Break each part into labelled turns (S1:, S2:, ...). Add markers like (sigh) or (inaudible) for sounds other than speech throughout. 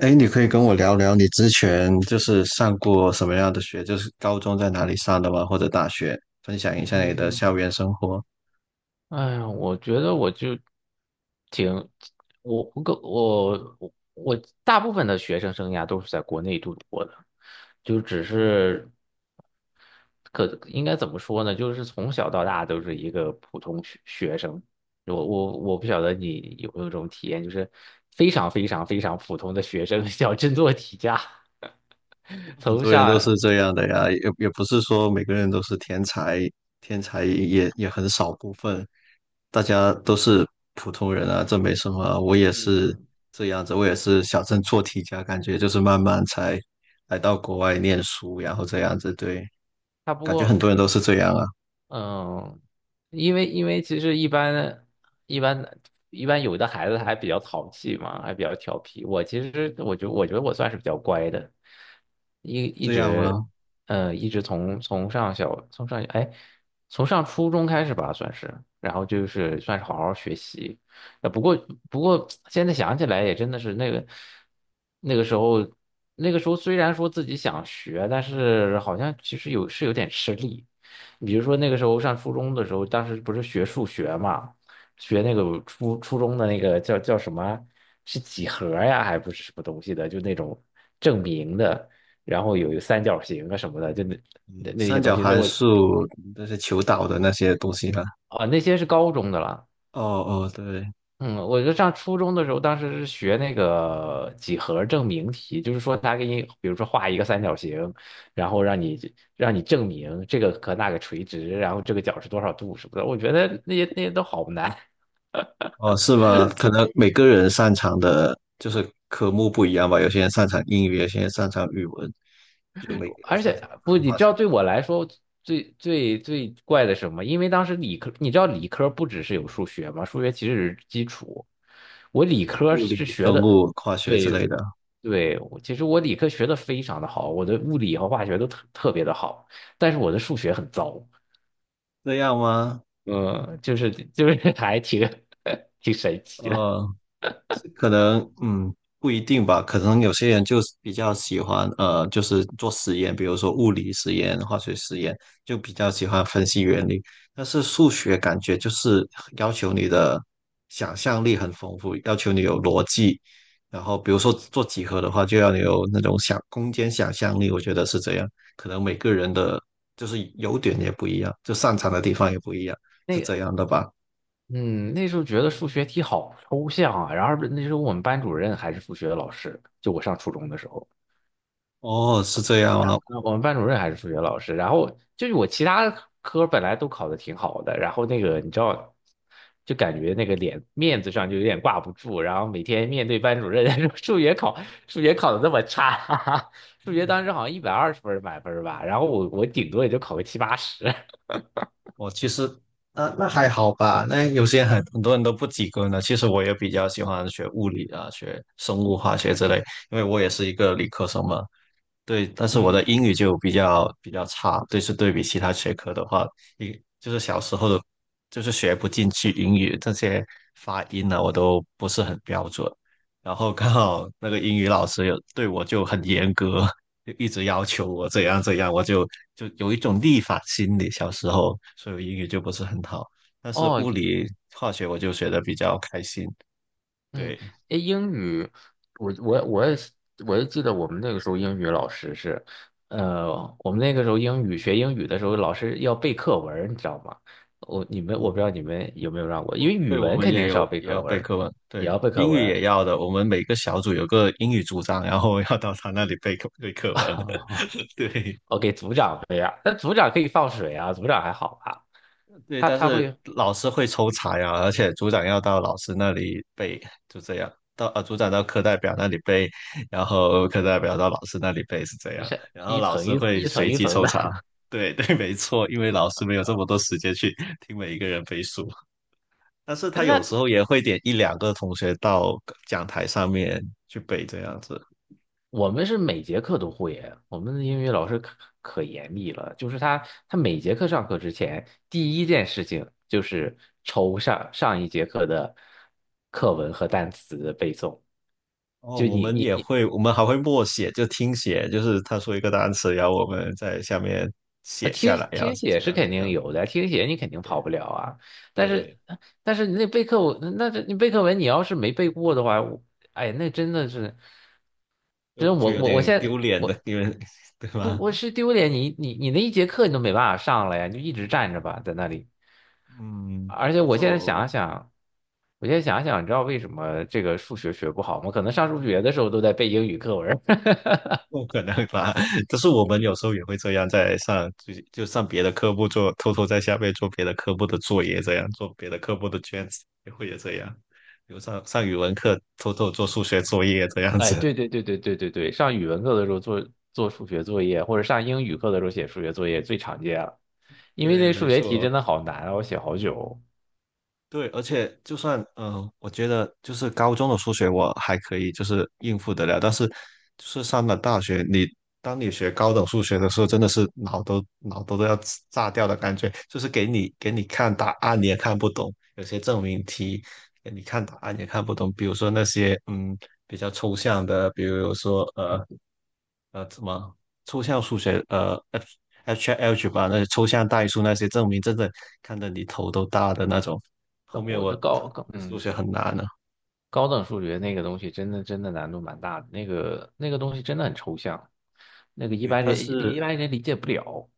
S1: 哎，你可以跟我聊聊你之前就是上过什么样的学，就是高中在哪里上的吗？或者大学，分享一下你的校
S2: 嗯，
S1: 园生活。
S2: 哎呀，我觉得我就挺，我我个我我我大部分的学生生涯都是在国内度过的，就只是应该怎么说呢？就是从小到大都是一个普通学生。我不晓得你有没有这种体验，就是非常非常非常普通的学生，(laughs) 小镇做题家，(laughs)
S1: 很
S2: 从
S1: 多人都是
S2: 上
S1: 这样的呀，也不是说每个人都是天才，天才也很少部分，大家都是普通人啊，这没什么啊。我也是
S2: 嗯，
S1: 这样子，我也是小镇做题家，感觉就是慢慢才来到国外念书，然后这样子，对，
S2: 他不
S1: 感觉很
S2: 过。
S1: 多人都是这样啊，
S2: 嗯，因为其实一般一般有的孩子还比较淘气嘛，还比较调皮。我其实我觉得我算是比较乖的，一一
S1: 这样
S2: 直
S1: 吗？
S2: 嗯一直从从上小从上哎从上初中开始吧，算是，然后就是算是好好学习。呃，不过不过现在想起来也真的是那个那个时候那个时候虽然说自己想学，但是好像其实有点吃力。比如说那个时候上初中的时候，当时不是学数学嘛，学那个初中的那个叫什么，是几何呀，还不是什么东西的，就那种证明的，然后有三角形啊什么的，就那那那些
S1: 三
S2: 东
S1: 角
S2: 西，
S1: 函数那些求导的那些东西啦。
S2: 啊那些是高中的了。
S1: 哦哦，对，
S2: 嗯，我就上初中的时候，当时是学那个几何证明题，就是说他给你，比如说画一个三角形，然后让你证明这个和那个垂直，然后这个角是多少度什么的。我觉得那些都好难。
S1: 哦是吗？可能每个人擅长的就是科目不一样吧，有些人擅长英语，有些人擅长语文，就每个人
S2: 而
S1: 擅
S2: 且
S1: 长
S2: 不，
S1: 的
S2: 你
S1: 话，
S2: 知道
S1: 像
S2: 对我来说最最最怪的什么？因为当时理科，你知道理科不只是有数学吗？数学其实是基础。我理科
S1: 物
S2: 是
S1: 理、
S2: 学
S1: 生
S2: 的，
S1: 物、化学之
S2: 对
S1: 类的，
S2: 对，我其实我理科学的非常的好，我的物理和化学都特别的好，但是我的数学很糟，
S1: 这样吗？
S2: 嗯，就是还挺 (laughs) 挺神奇的。
S1: 哦。可能不一定吧，可能有些人就是比较喜欢就是做实验，比如说物理实验、化学实验，就比较喜欢分析原理。但是数学感觉就是要求你的想象力很丰富，要求你有逻辑。然后比如说做几何的话，就要你有那种想空间想象力，我觉得是这样。可能每个人的就是优点也不一样，就擅长的地方也不一样，是
S2: 那个，
S1: 这样的吧？
S2: 嗯，那时候觉得数学题好抽象啊，然后那时候我们班主任还是数学的老师，就我上初中的时候。
S1: 哦，是这样啊，
S2: 我们班主任还是数学老师，然后就是我其他科本来都考的挺好的，然后你知道，就感觉那个脸面子上就有点挂不住，然后每天面对班主任 (laughs) 说数学考的那么差，哈哈数学当时好像120分儿满分儿吧，然后我顶多也就考个七八十。(laughs)
S1: 我其实那还好吧，那有些很多人都不及格呢。其实我也比较喜欢学物理啊，学生物化学之类，因为我也是一个理科生嘛。对，但是我的
S2: 嗯，
S1: 英语就比较差，对，是对比其他学科的话，一就是小时候的，就是学不进去英语这些发音呢、我都不是很标准。然后刚好那个英语老师有对我就很严格，就一直要求我怎样怎样，我就有一种逆反心理。小时候，所以我英语就不是很好，但是
S2: 哦，
S1: 物理、化学我就学的比较开心。
S2: 嗯，
S1: 对，
S2: 诶，英语，我也是，我也记得我们那个时候英语老师是，呃，我们那个时候学英语的时候，老师要背课文儿你知道吗？我不知
S1: 嗯。
S2: 道你们有没有让过，因
S1: 我
S2: 为
S1: 对
S2: 语
S1: 我
S2: 文
S1: 们
S2: 肯
S1: 也
S2: 定是要
S1: 有
S2: 背
S1: 也要
S2: 课文
S1: 背
S2: 儿
S1: 课文，
S2: 也
S1: 对，
S2: 要背课
S1: 英
S2: 文
S1: 语
S2: 儿。
S1: 也要的。我们每个小组有个英语组长，然后要到他那里背课文。
S2: (laughs)
S1: (laughs) 对
S2: 我给组长背啊，那组长可以放水啊，组长还好吧？
S1: 对，
S2: 他
S1: 但
S2: 他
S1: 是
S2: 会
S1: 老师会抽查呀，而且组长要到老师那里背，就这样。组长到课代表那里背，然后课代表到老师那里背是这
S2: 是
S1: 样，
S2: 是
S1: 然后
S2: 一
S1: 老
S2: 层
S1: 师
S2: 一
S1: 会
S2: 一层
S1: 随
S2: 一
S1: 机
S2: 层
S1: 抽
S2: 的，
S1: 查。对 (laughs) 对，没错，因为老师没有这么多时间去听每一个人背书。但是他
S2: (laughs)
S1: 有
S2: 那
S1: 时候也会点一两个同学到讲台上面去背这样子。
S2: 我们是每节课都会耶，我们的英语老师可严厉了，就是他每节课上课之前，第一件事情就是抽上一节课的课文和单词的背诵。
S1: 哦，
S2: 就
S1: 我
S2: 你
S1: 们
S2: 你
S1: 也
S2: 你
S1: 会，我们还会默写，就听写，就是他说一个单词，然后我们在下面
S2: 啊，
S1: 写下
S2: 听
S1: 来，然后
S2: 听写
S1: 这
S2: 是
S1: 样
S2: 肯
S1: 这
S2: 定
S1: 样，
S2: 有的，听写你肯定跑
S1: 对
S2: 不了啊。但
S1: 对，
S2: 是但是你背课文，你要是没背过的话，哎，那真的是，
S1: 就
S2: 真
S1: 就
S2: 我
S1: 有
S2: 我我
S1: 点
S2: 现
S1: 丢
S2: 在
S1: 脸的，
S2: 我
S1: 因为 (laughs) 对
S2: 不
S1: 吧？
S2: 我是丢脸，你那一节课你都没办法上了呀，你就一直站着吧，在那里。
S1: 嗯，
S2: 而且
S1: 但
S2: 我
S1: 是
S2: 现在想
S1: 我
S2: 想，我现在想想，你知道为什么这个数学学不好吗？可能上数学的时候都在背英语课文儿。(laughs)
S1: 不可能吧？(laughs) 就是我们有时候也会这样，在上就就上别的科目做，偷偷在下面做别的科目的作业，这样做别的科目的卷子，也会也这样。比如上语文课，偷偷做数学作业这样
S2: 哎，
S1: 子。(laughs)
S2: 对对对对对对对，上语文课的时候做数学作业，或者上英语课的时候写数学作业最常见了，因为
S1: 对，
S2: 那
S1: 没
S2: 数学题
S1: 错。
S2: 真的好难啊，我写好久。
S1: 对，而且就算我觉得就是高中的数学我还可以，就是应付得了，但是就是上了大学，当你学高等数学的时候，真的是脑都要炸掉的感觉，就是给你看答案你也看不懂，有些证明题给你看答案也看不懂，比如说那些比较抽象的，比如说怎么抽象数学HH 吧，那些抽象代数那些证明，真的看得你头都大的那种。后
S2: 高
S1: 面
S2: 我这
S1: 我
S2: 高高，
S1: 数
S2: 嗯。
S1: 学很难了，
S2: 高等数学那个东西真的真的难度蛮大的，那个东西真的很抽象，那个一
S1: 对，
S2: 般
S1: 但
S2: 人
S1: 是
S2: 一般人理解不了。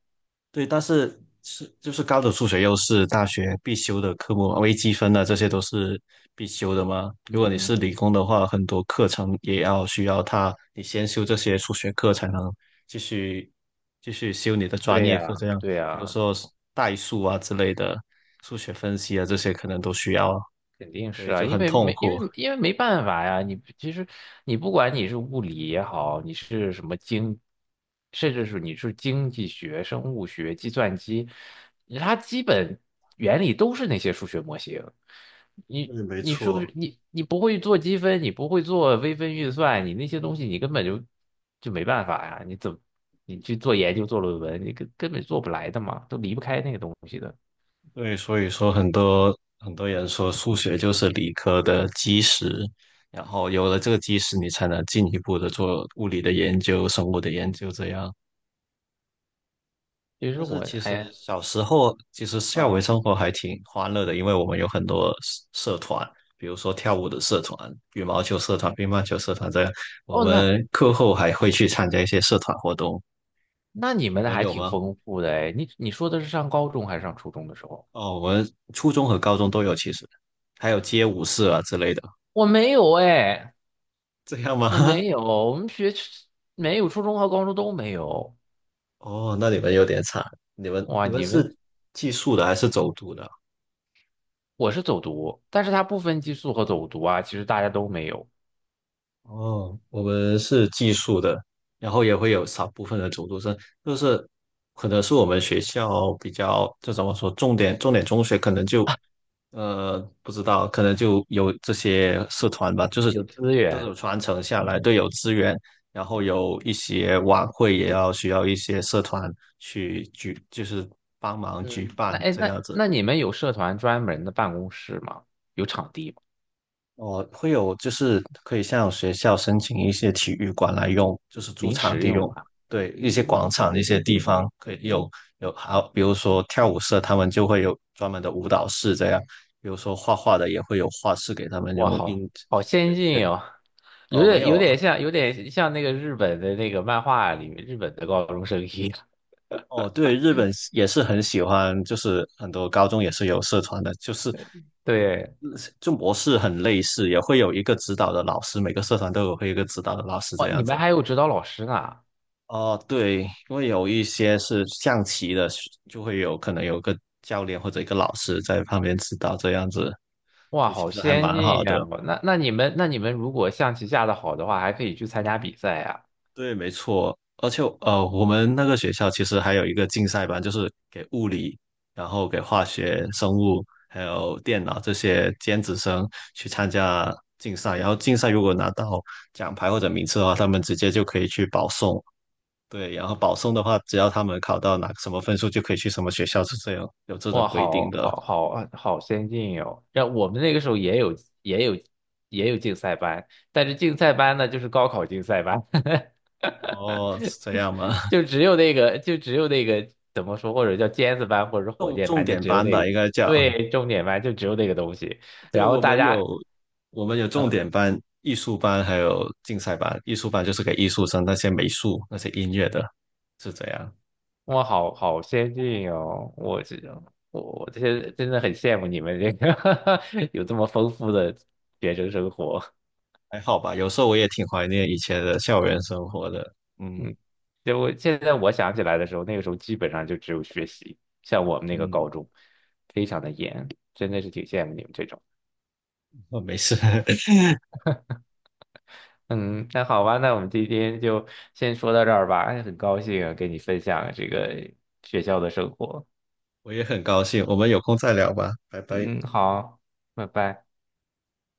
S1: 对，但是就是高等数学又是大学必修的科目，微积分啊这些都是必修的嘛。如
S2: 嗯
S1: 果你是
S2: 嗯，
S1: 理工的话，很多课程也要需要它，你先修这些数学课才能继续继续修你的专
S2: 对
S1: 业
S2: 呀，
S1: 课。这样，
S2: 对
S1: 比如
S2: 呀，
S1: 说代数啊之类的，数学分析啊这些可能都需要。
S2: 肯定是
S1: 对，
S2: 啊，
S1: 就
S2: 因
S1: 很
S2: 为
S1: 痛
S2: 没因
S1: 苦。
S2: 为因为没办法呀，你其实你不管你是物理也好，你是什么经，甚至是你是经济学、生物学、计算机，它基本原理都是那些数学模型。你
S1: 对，没
S2: 你数
S1: 错。
S2: 学你不会做积分，你不会做微分运算，你那些东西你根本就没办法呀，你怎么你去做研究做论文，你根本做不来的嘛，都离不开那个东西的。
S1: 对，所以说很多很多人说数学就是理科的基石，然后有了这个基石，你才能进一步的做物理的研究、生物的研究这样。
S2: 其实
S1: 但是
S2: 我
S1: 其实
S2: 哎
S1: 小时候，其实校园
S2: 嗯。
S1: 生活还挺欢乐的，因为我们有很多社团，比如说跳舞的社团、羽毛球社团、乒乓球社团这样。我
S2: 哦，那
S1: 们课后还会去参加一些社团活动，
S2: 那你
S1: 你
S2: 们的
S1: 们
S2: 还
S1: 有
S2: 挺
S1: 吗？
S2: 丰富的哎，你说的是上高中还是上初中的时候？
S1: 哦，我们初中和高中都有，其实还有街舞社啊之类的，
S2: 我没有哎，
S1: 这样
S2: 我
S1: 吗？
S2: 没
S1: (laughs)
S2: 有，我们学没有初中和高中都没有。
S1: 哦，那你们有点惨，你们
S2: 哇，
S1: 你们是寄宿的还是走读的？
S2: 我是走读，但是它不分寄宿和走读啊，其实大家都没有，
S1: 哦，我们是寄宿的，然后也会有少部分的走读生，就是可能是我们学校比较，这怎么说，重点中学可能就，不知道，可能就有这些社团吧，
S2: 有
S1: 就是
S2: 有资
S1: 这种
S2: 源。
S1: 传承下来都有资源，然后有一些晚会也要需要一些社团就是帮忙举
S2: 嗯，那
S1: 办
S2: 哎
S1: 这
S2: 那
S1: 样子。
S2: 那你们有社团专门的办公室吗？有场地吗？
S1: 哦，会有就是可以向学校申请一些体育馆来用，就是租
S2: 临
S1: 场
S2: 时
S1: 地
S2: 用
S1: 用。
S2: 吗？
S1: 对，一些广场、一些地方可以有,好，比如说跳舞社，他们就会有专门的舞蹈室这样。比如说画画的也会有画室给他们
S2: 哇，
S1: 用
S2: 好
S1: 印。
S2: 好先
S1: 对，
S2: 进
S1: 是。
S2: 哦，有
S1: 哦，没
S2: 点有
S1: 有啊。
S2: 点像有点像那个日本的那个漫画里面日本的高中生一样。
S1: 哦，对，日本也是很喜欢，就是很多高中也是有社团的，就是呃
S2: 对，
S1: 就模式很类似，也会有一个指导的老师，每个社团会有一个指导的老师这
S2: 哇，你
S1: 样
S2: 们
S1: 子。
S2: 还有指导老师呢，
S1: 哦，对，因为有一些是象棋的，就会有可能有个教练或者一个老师在旁边指导这样子。
S2: 哇，
S1: 对，其
S2: 好
S1: 实还
S2: 先
S1: 蛮
S2: 进
S1: 好
S2: 呀！
S1: 的。
S2: 我那那你们那你们如果象棋下的好的话，还可以去参加比赛呀！
S1: 对，没错。而且我们那个学校其实还有一个竞赛班，就是给物理，然后给化学、生物还有电脑这些尖子生去参加竞赛。然后竞赛如果拿到奖牌或者名次的话，他们直接就可以去保送，对，然后保送的话，只要他们考到哪个什么分数，就可以去什么学校，是这样，有这种
S2: 哇，
S1: 规
S2: 好
S1: 定的。
S2: 好好好先进哟！让我们那个时候也有也有竞赛班，但是竞赛班呢就是高考竞赛班，
S1: 哦，是这样吗？
S2: (laughs)
S1: (laughs)
S2: 就只有那个怎么说，或者叫尖子班或者是火
S1: 重
S2: 箭
S1: 重
S2: 班，就
S1: 点
S2: 只有
S1: 班
S2: 那个
S1: 吧，
S2: 东
S1: 应
S2: 西
S1: 该叫。
S2: 对，重点班就只有那个东西，
S1: 对，
S2: 然后
S1: 我
S2: 大
S1: 们
S2: 家。
S1: 有我们有重点
S2: 嗯。
S1: 班、艺术班，还有竞赛班。艺术班就是给艺术生，那些美术、那些音乐的，是这样。
S2: 哇，好好先进哦！我这些真的很羡慕你们这个 (laughs) 有这么丰富的学生生活。
S1: 还好吧，有时候我也挺怀念以前的校园生活的。嗯
S2: 嗯，就我现在想起来的时候，那个时候基本上就只有学习，像我们那个
S1: 嗯，
S2: 高中非常的严，真的是挺羡慕你们这种。
S1: 哦，没事，(laughs)
S2: 嗯，那好吧，那我们今天就先说到这儿吧。哎，很高兴啊跟你分享这个学校的生活。
S1: 我也很高兴。我们有空再聊吧，拜拜。
S2: 嗯，好，拜拜。